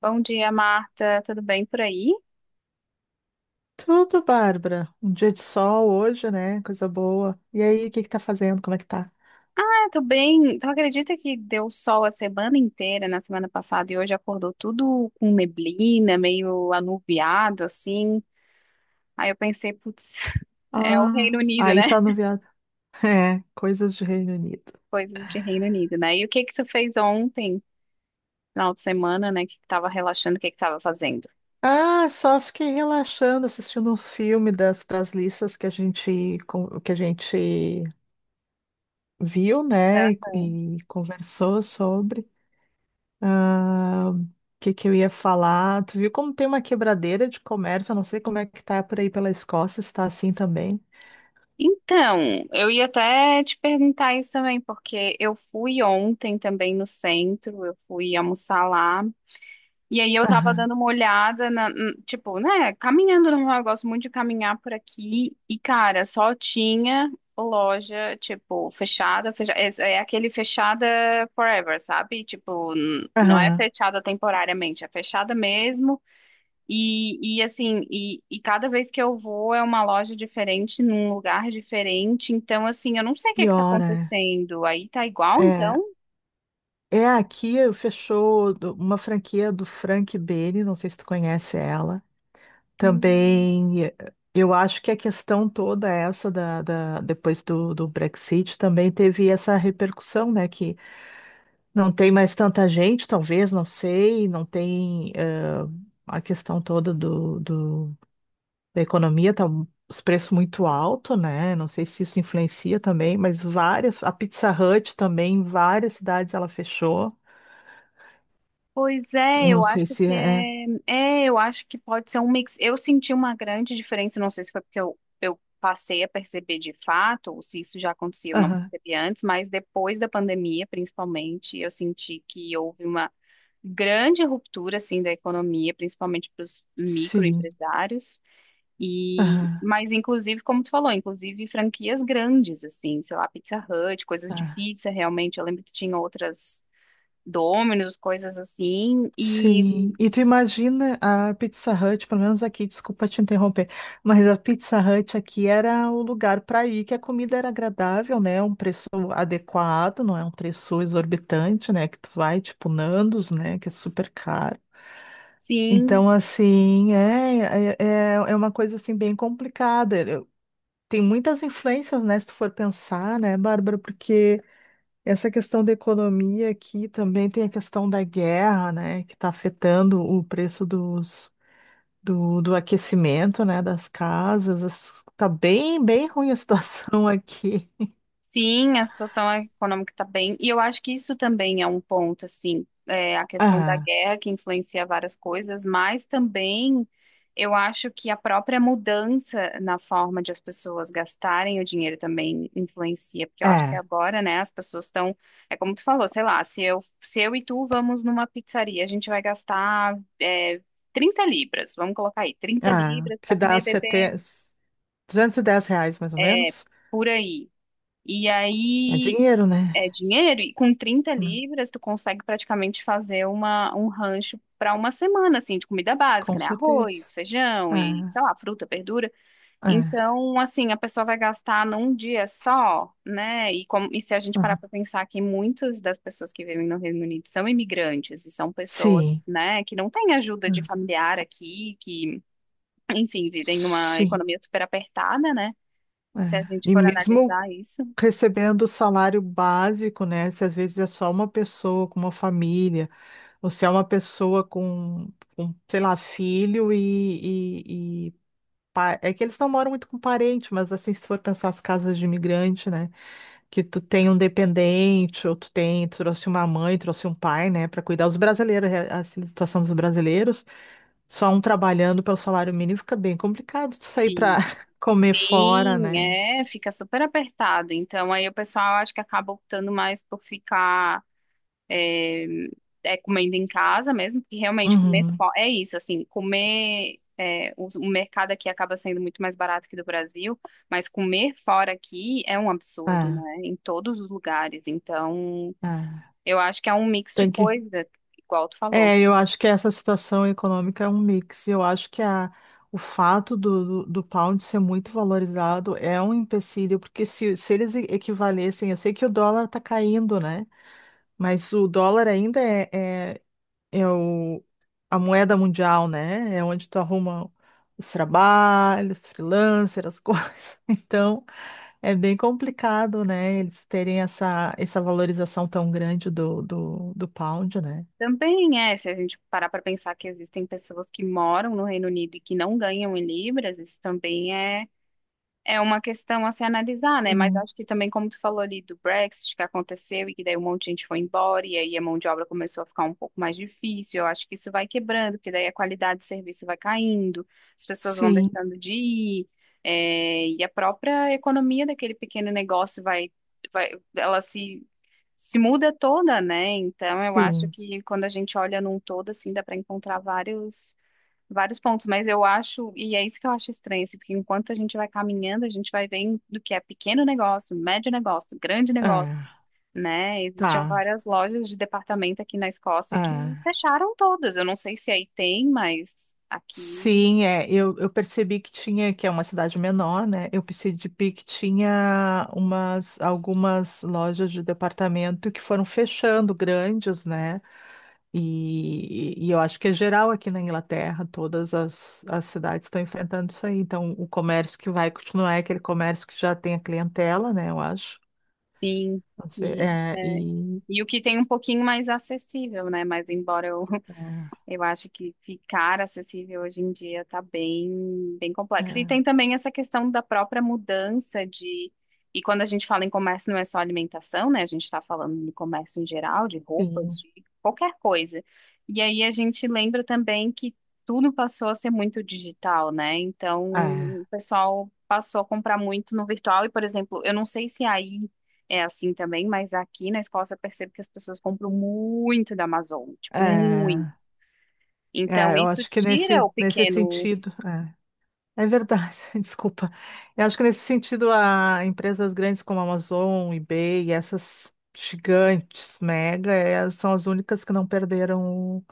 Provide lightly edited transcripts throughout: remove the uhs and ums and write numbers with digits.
Bom dia, Marta. Tudo bem por aí? Tudo, Bárbara. Um dia de sol hoje, né? Coisa boa. E aí, o que que tá fazendo? Como é que tá? Ah, tô bem. Tu acredita que deu sol a semana inteira na semana passada e hoje acordou tudo com neblina, meio anuviado, assim? Aí eu pensei, putz, é o Ah, Reino Unido, né? aí tá no viado. É, coisas de Reino Unido. Coisas de Reino Unido, né? E o que que tu fez ontem, final de semana, né? Que tava relaxando, o que que tava fazendo? Ah, só fiquei relaxando, assistindo uns filmes das listas que a gente viu, É. né? E, conversou sobre. Ah, o que que eu ia falar? Tu viu como tem uma quebradeira de comércio? Eu não sei como é que tá por aí pela Escócia, se tá assim também. Então, eu ia até te perguntar isso também, porque eu fui ontem também no centro, eu fui almoçar lá. E aí eu tava Aham, dando uma olhada na, tipo, né, caminhando normal, eu gosto muito de caminhar por aqui e cara, só tinha loja, tipo, fechada, é aquele fechada forever, sabe? Tipo, não é aham. fechada temporariamente, é fechada mesmo. E assim, cada vez que eu vou é uma loja diferente, num lugar diferente. Então, assim, eu não sei o que que tá Piora. acontecendo. Aí tá igual, É, então? é aqui fechou uma franquia do Frank Beni, não sei se tu conhece ela. Hum. Também eu acho que a questão toda essa da, depois do Brexit também teve essa repercussão, né? Que não tem mais tanta gente, talvez, não sei, não tem a questão toda do, da economia, tá os preços muito altos, né? Não sei se isso influencia também, mas várias, a Pizza Hut também, em várias cidades ela fechou. Pois é, Não eu acho sei se que é. É, eu acho que pode ser um mix. Eu senti uma grande diferença, não sei se foi porque eu passei a perceber de fato, ou se isso já acontecia, eu não Aham, percebi antes, mas depois da pandemia, principalmente, eu senti que houve uma grande ruptura assim da economia, principalmente para os sim. microempresários. E, Aham, mas inclusive, como tu falou, inclusive franquias grandes assim, sei lá, Pizza Hut, coisas de tá. pizza, realmente. Eu lembro que tinha outras Domino's, coisas assim. E Sim. E tu imagina a Pizza Hut, pelo menos aqui, desculpa te interromper, mas a Pizza Hut aqui era o lugar para ir, que a comida era agradável, né? Um preço adequado, não é um preço exorbitante, né? Que tu vai, tipo, Nandos, né? Que é super caro. sim, Então, assim, é uma coisa, assim, bem complicada. Tem muitas influências, né? Se tu for pensar, né, Bárbara? Porque essa questão da economia aqui também tem a questão da guerra, né, que está afetando o preço dos, do aquecimento, né, das casas. Tá bem, bem ruim a situação aqui. sim, a situação econômica está bem. E eu acho que isso também é um ponto, assim, é, a questão da Ah, guerra que influencia várias coisas, mas também eu acho que a própria mudança na forma de as pessoas gastarem o dinheiro também influencia, porque eu acho que é, agora, né, as pessoas estão, é como tu falou, sei lá, se eu e tu vamos numa pizzaria, a gente vai gastar, é, 30 libras, vamos colocar aí, 30 ah, libras que para dá comer, sete beber R$ 210 mais ou menos. por aí. E É aí dinheiro, né? é dinheiro, e com trinta Hum, libras tu consegue praticamente fazer uma, um rancho para uma semana, assim, de comida com básica, né? certeza. Arroz, feijão e, Ah, sei lá, fruta, verdura. ah, Então, assim, a pessoa vai gastar num dia só, né? E, como, e se a gente parar ah. para pensar que muitas das pessoas que vivem no Reino Unido são imigrantes e são pessoas, Sim, né, que não têm ajuda de hum, familiar aqui, que, enfim, vivem numa sim. economia super apertada, né? É. Se a gente E for mesmo analisar isso. recebendo salário básico, né? Se às vezes é só uma pessoa com uma família, ou se é uma pessoa com, sei lá, filho é que eles não moram muito com parente, mas assim, se for pensar as casas de imigrante, né? Que tu tem um dependente, ou tu tem, tu trouxe uma mãe, trouxe um pai, né? Para cuidar os brasileiros, é a situação dos brasileiros, só um trabalhando pelo salário mínimo fica bem complicado de sair para comer fora, Sim, né? é, fica super apertado. Então, aí o pessoal acho que acaba optando mais por ficar eh, comendo em casa mesmo, porque realmente Uhum. É isso, assim, comer é, o mercado aqui acaba sendo muito mais barato que do Brasil, mas comer fora aqui é um absurdo, Ah, né? Em todos os lugares. Então, ah. eu acho que é um mix de Tem que coisa, igual tu falou. é, eu acho que essa situação econômica é um mix. Eu acho que o fato do, do pound ser muito valorizado é um empecilho, porque se, eles equivalessem, eu sei que o dólar está caindo, né? Mas o dólar ainda é, é o, a moeda mundial, né? É onde tu arruma os trabalhos, freelancer, as coisas. Então, é bem complicado, né? Eles terem essa, valorização tão grande do, do pound, né? Também é, se a gente parar para pensar que existem pessoas que moram no Reino Unido e que não ganham em libras, isso também é é uma questão a se analisar, né? Mas Sim. acho que também, como tu falou ali do Brexit que aconteceu e que daí um monte de gente foi embora e aí a mão de obra começou a ficar um pouco mais difícil, eu acho que isso vai quebrando, porque daí a qualidade de serviço vai caindo, as pessoas vão Sim. deixando de ir, é, e a própria economia daquele pequeno negócio vai, ela se muda toda, né? Então eu acho Sim, que quando a gente olha num todo, assim, dá para encontrar vários pontos, mas eu acho, e é isso que eu acho estranho, assim, porque enquanto a gente vai caminhando, a gente vai vendo do que é pequeno negócio, médio negócio, grande é, negócio, né? Existiam tá, várias lojas de departamento aqui na Escócia que é. fecharam todas. Eu não sei se aí tem, mas aqui Sim, é, eu percebi que tinha, que é uma cidade menor, né? Eu percebi que tinha umas, algumas lojas de departamento que foram fechando, grandes, né? E, eu acho que é geral aqui na Inglaterra, todas as, as cidades estão enfrentando isso aí. Então, o comércio que vai continuar é aquele comércio que já tem a clientela, né? Eu acho. sim. Não sei, E, é, é, e... e o que tem um pouquinho mais acessível, né? Mas embora eu acho que ficar acessível hoje em dia está bem, bem É, complexo. E é, tem também essa questão da própria mudança de. E quando a gente fala em comércio, não é só alimentação, né? A gente está falando de comércio em geral, de roupas, sim, de qualquer coisa. E aí a gente lembra também que tudo passou a ser muito digital, né? Então é, o pessoal passou a comprar muito no virtual. E, por exemplo, eu não sei se aí é assim também, mas aqui na Escócia eu percebo que as pessoas compram muito da Amazon, tipo, muito. é. Então, É, eu isso acho que tira nesse, o nesse pequeno sentido, é verdade, desculpa. Eu acho que nesse sentido, a empresas grandes como a Amazon, eBay, e essas gigantes, mega, é, são as únicas que não perderam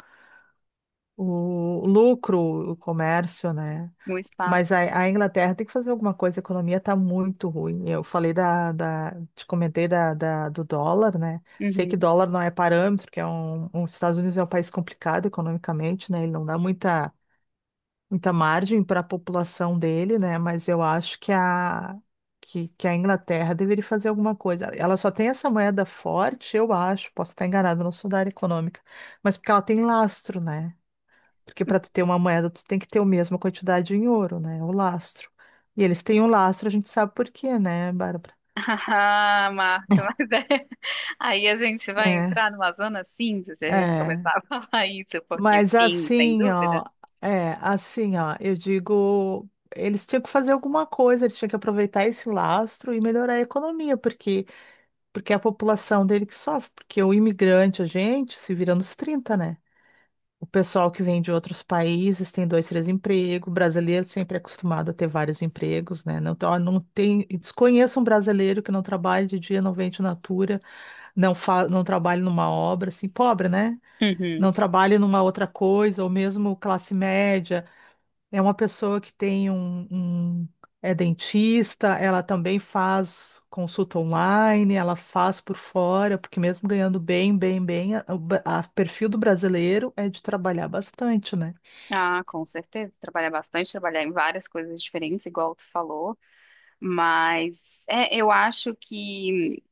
o, lucro, o comércio, né? no espaço. Mas a Inglaterra tem que fazer alguma coisa, a economia está muito ruim. Eu falei da, te comentei da, do dólar, né? Sei que Uhum. dólar não é parâmetro, que é um, os Estados Unidos é um país complicado economicamente, né? Ele não dá muita margem para a população dele, né? Mas eu acho que que a Inglaterra deveria fazer alguma coisa. Ela só tem essa moeda forte, eu acho, posso estar enganada, não sou da área econômica, mas porque ela tem lastro, né? Porque para tu ter uma moeda, tu tem que ter a mesma quantidade em ouro, né? O lastro. E eles têm o lastro, a gente sabe por quê, né, Bárbara? Ah, Marta, mas é... aí a gente vai entrar numa zona cinza se a É, gente começar é. a falar isso, porque Mas sim, sem assim, dúvida. ó, é, assim, ó, eu digo, eles tinham que fazer alguma coisa, eles tinham que aproveitar esse lastro e melhorar a economia, porque, é a população dele que sofre, porque o imigrante, a gente, se vira nos trinta, né? O pessoal que vem de outros países tem dois, três empregos, o brasileiro sempre é acostumado a ter vários empregos, né? Não, ó, não tem, desconheço um brasileiro que não trabalhe de dia, não vende natura, não, não trabalhe numa obra, assim, pobre, né? Não Uhum. trabalhe numa outra coisa, ou mesmo classe média, é uma pessoa que tem um, um- é dentista, ela também faz consulta online, ela faz por fora, porque mesmo ganhando bem, bem, bem, o perfil do brasileiro é de trabalhar bastante, né? Ah, com certeza. Trabalhar bastante, trabalhar em várias coisas diferentes, igual tu falou. Mas é, eu acho que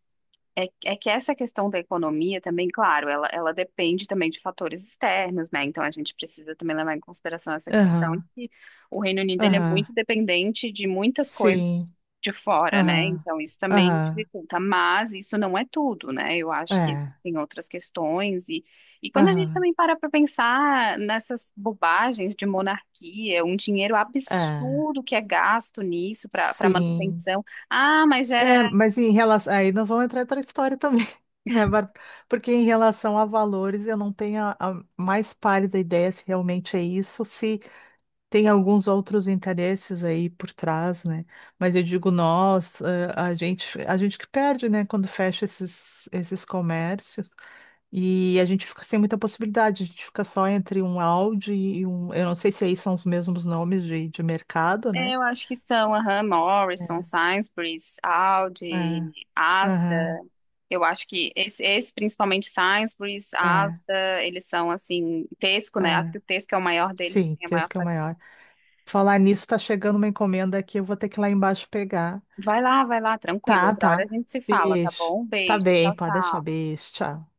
é, é que essa questão da economia também, claro, ela depende também de fatores externos, né? Então a gente precisa também levar em consideração essa questão de Aham, que o Reino Unido ele é aham, muito dependente de muitas coisas sim, de fora, né? aham, Então isso também aham, dificulta, mas isso não é tudo, né? Eu acho que é, tem outras questões e quando a gente aham, também para pensar nessas bobagens de monarquia, um dinheiro é, absurdo que é gasto nisso para sim. manutenção, ah, mas gera É, mas em relação. Aí nós vamos entrar em outra história também, né, Bárbara? Porque em relação a valores, eu não tenho a, mais pálida ideia se realmente é isso, se tem alguns outros interesses aí por trás, né? Mas eu digo nós, a gente, que perde, né, quando fecha esses comércios e a gente fica sem muita possibilidade, a gente fica só entre um Audi e um. Eu não sei se aí são os mesmos nomes de mercado, né? é, eu acho que são, aham, Morrison, É, Sainsbury's, Aldi, é, Asda. aham, Eu acho que principalmente Sainsbury's, é, Asda, eles são assim, Tesco, né? Acho é. que o Tesco é o maior deles, que Sim, tem a esse maior que é o fatia. maior. Falar nisso, tá chegando uma encomenda aqui, eu vou ter que ir lá embaixo pegar. Vai lá, tranquilo. Tá, Outra hora a tá. gente se fala, tá Beijo. bom? Um Tá beijo, bem, tchau, pode deixar. tchau. Beijo. Tchau.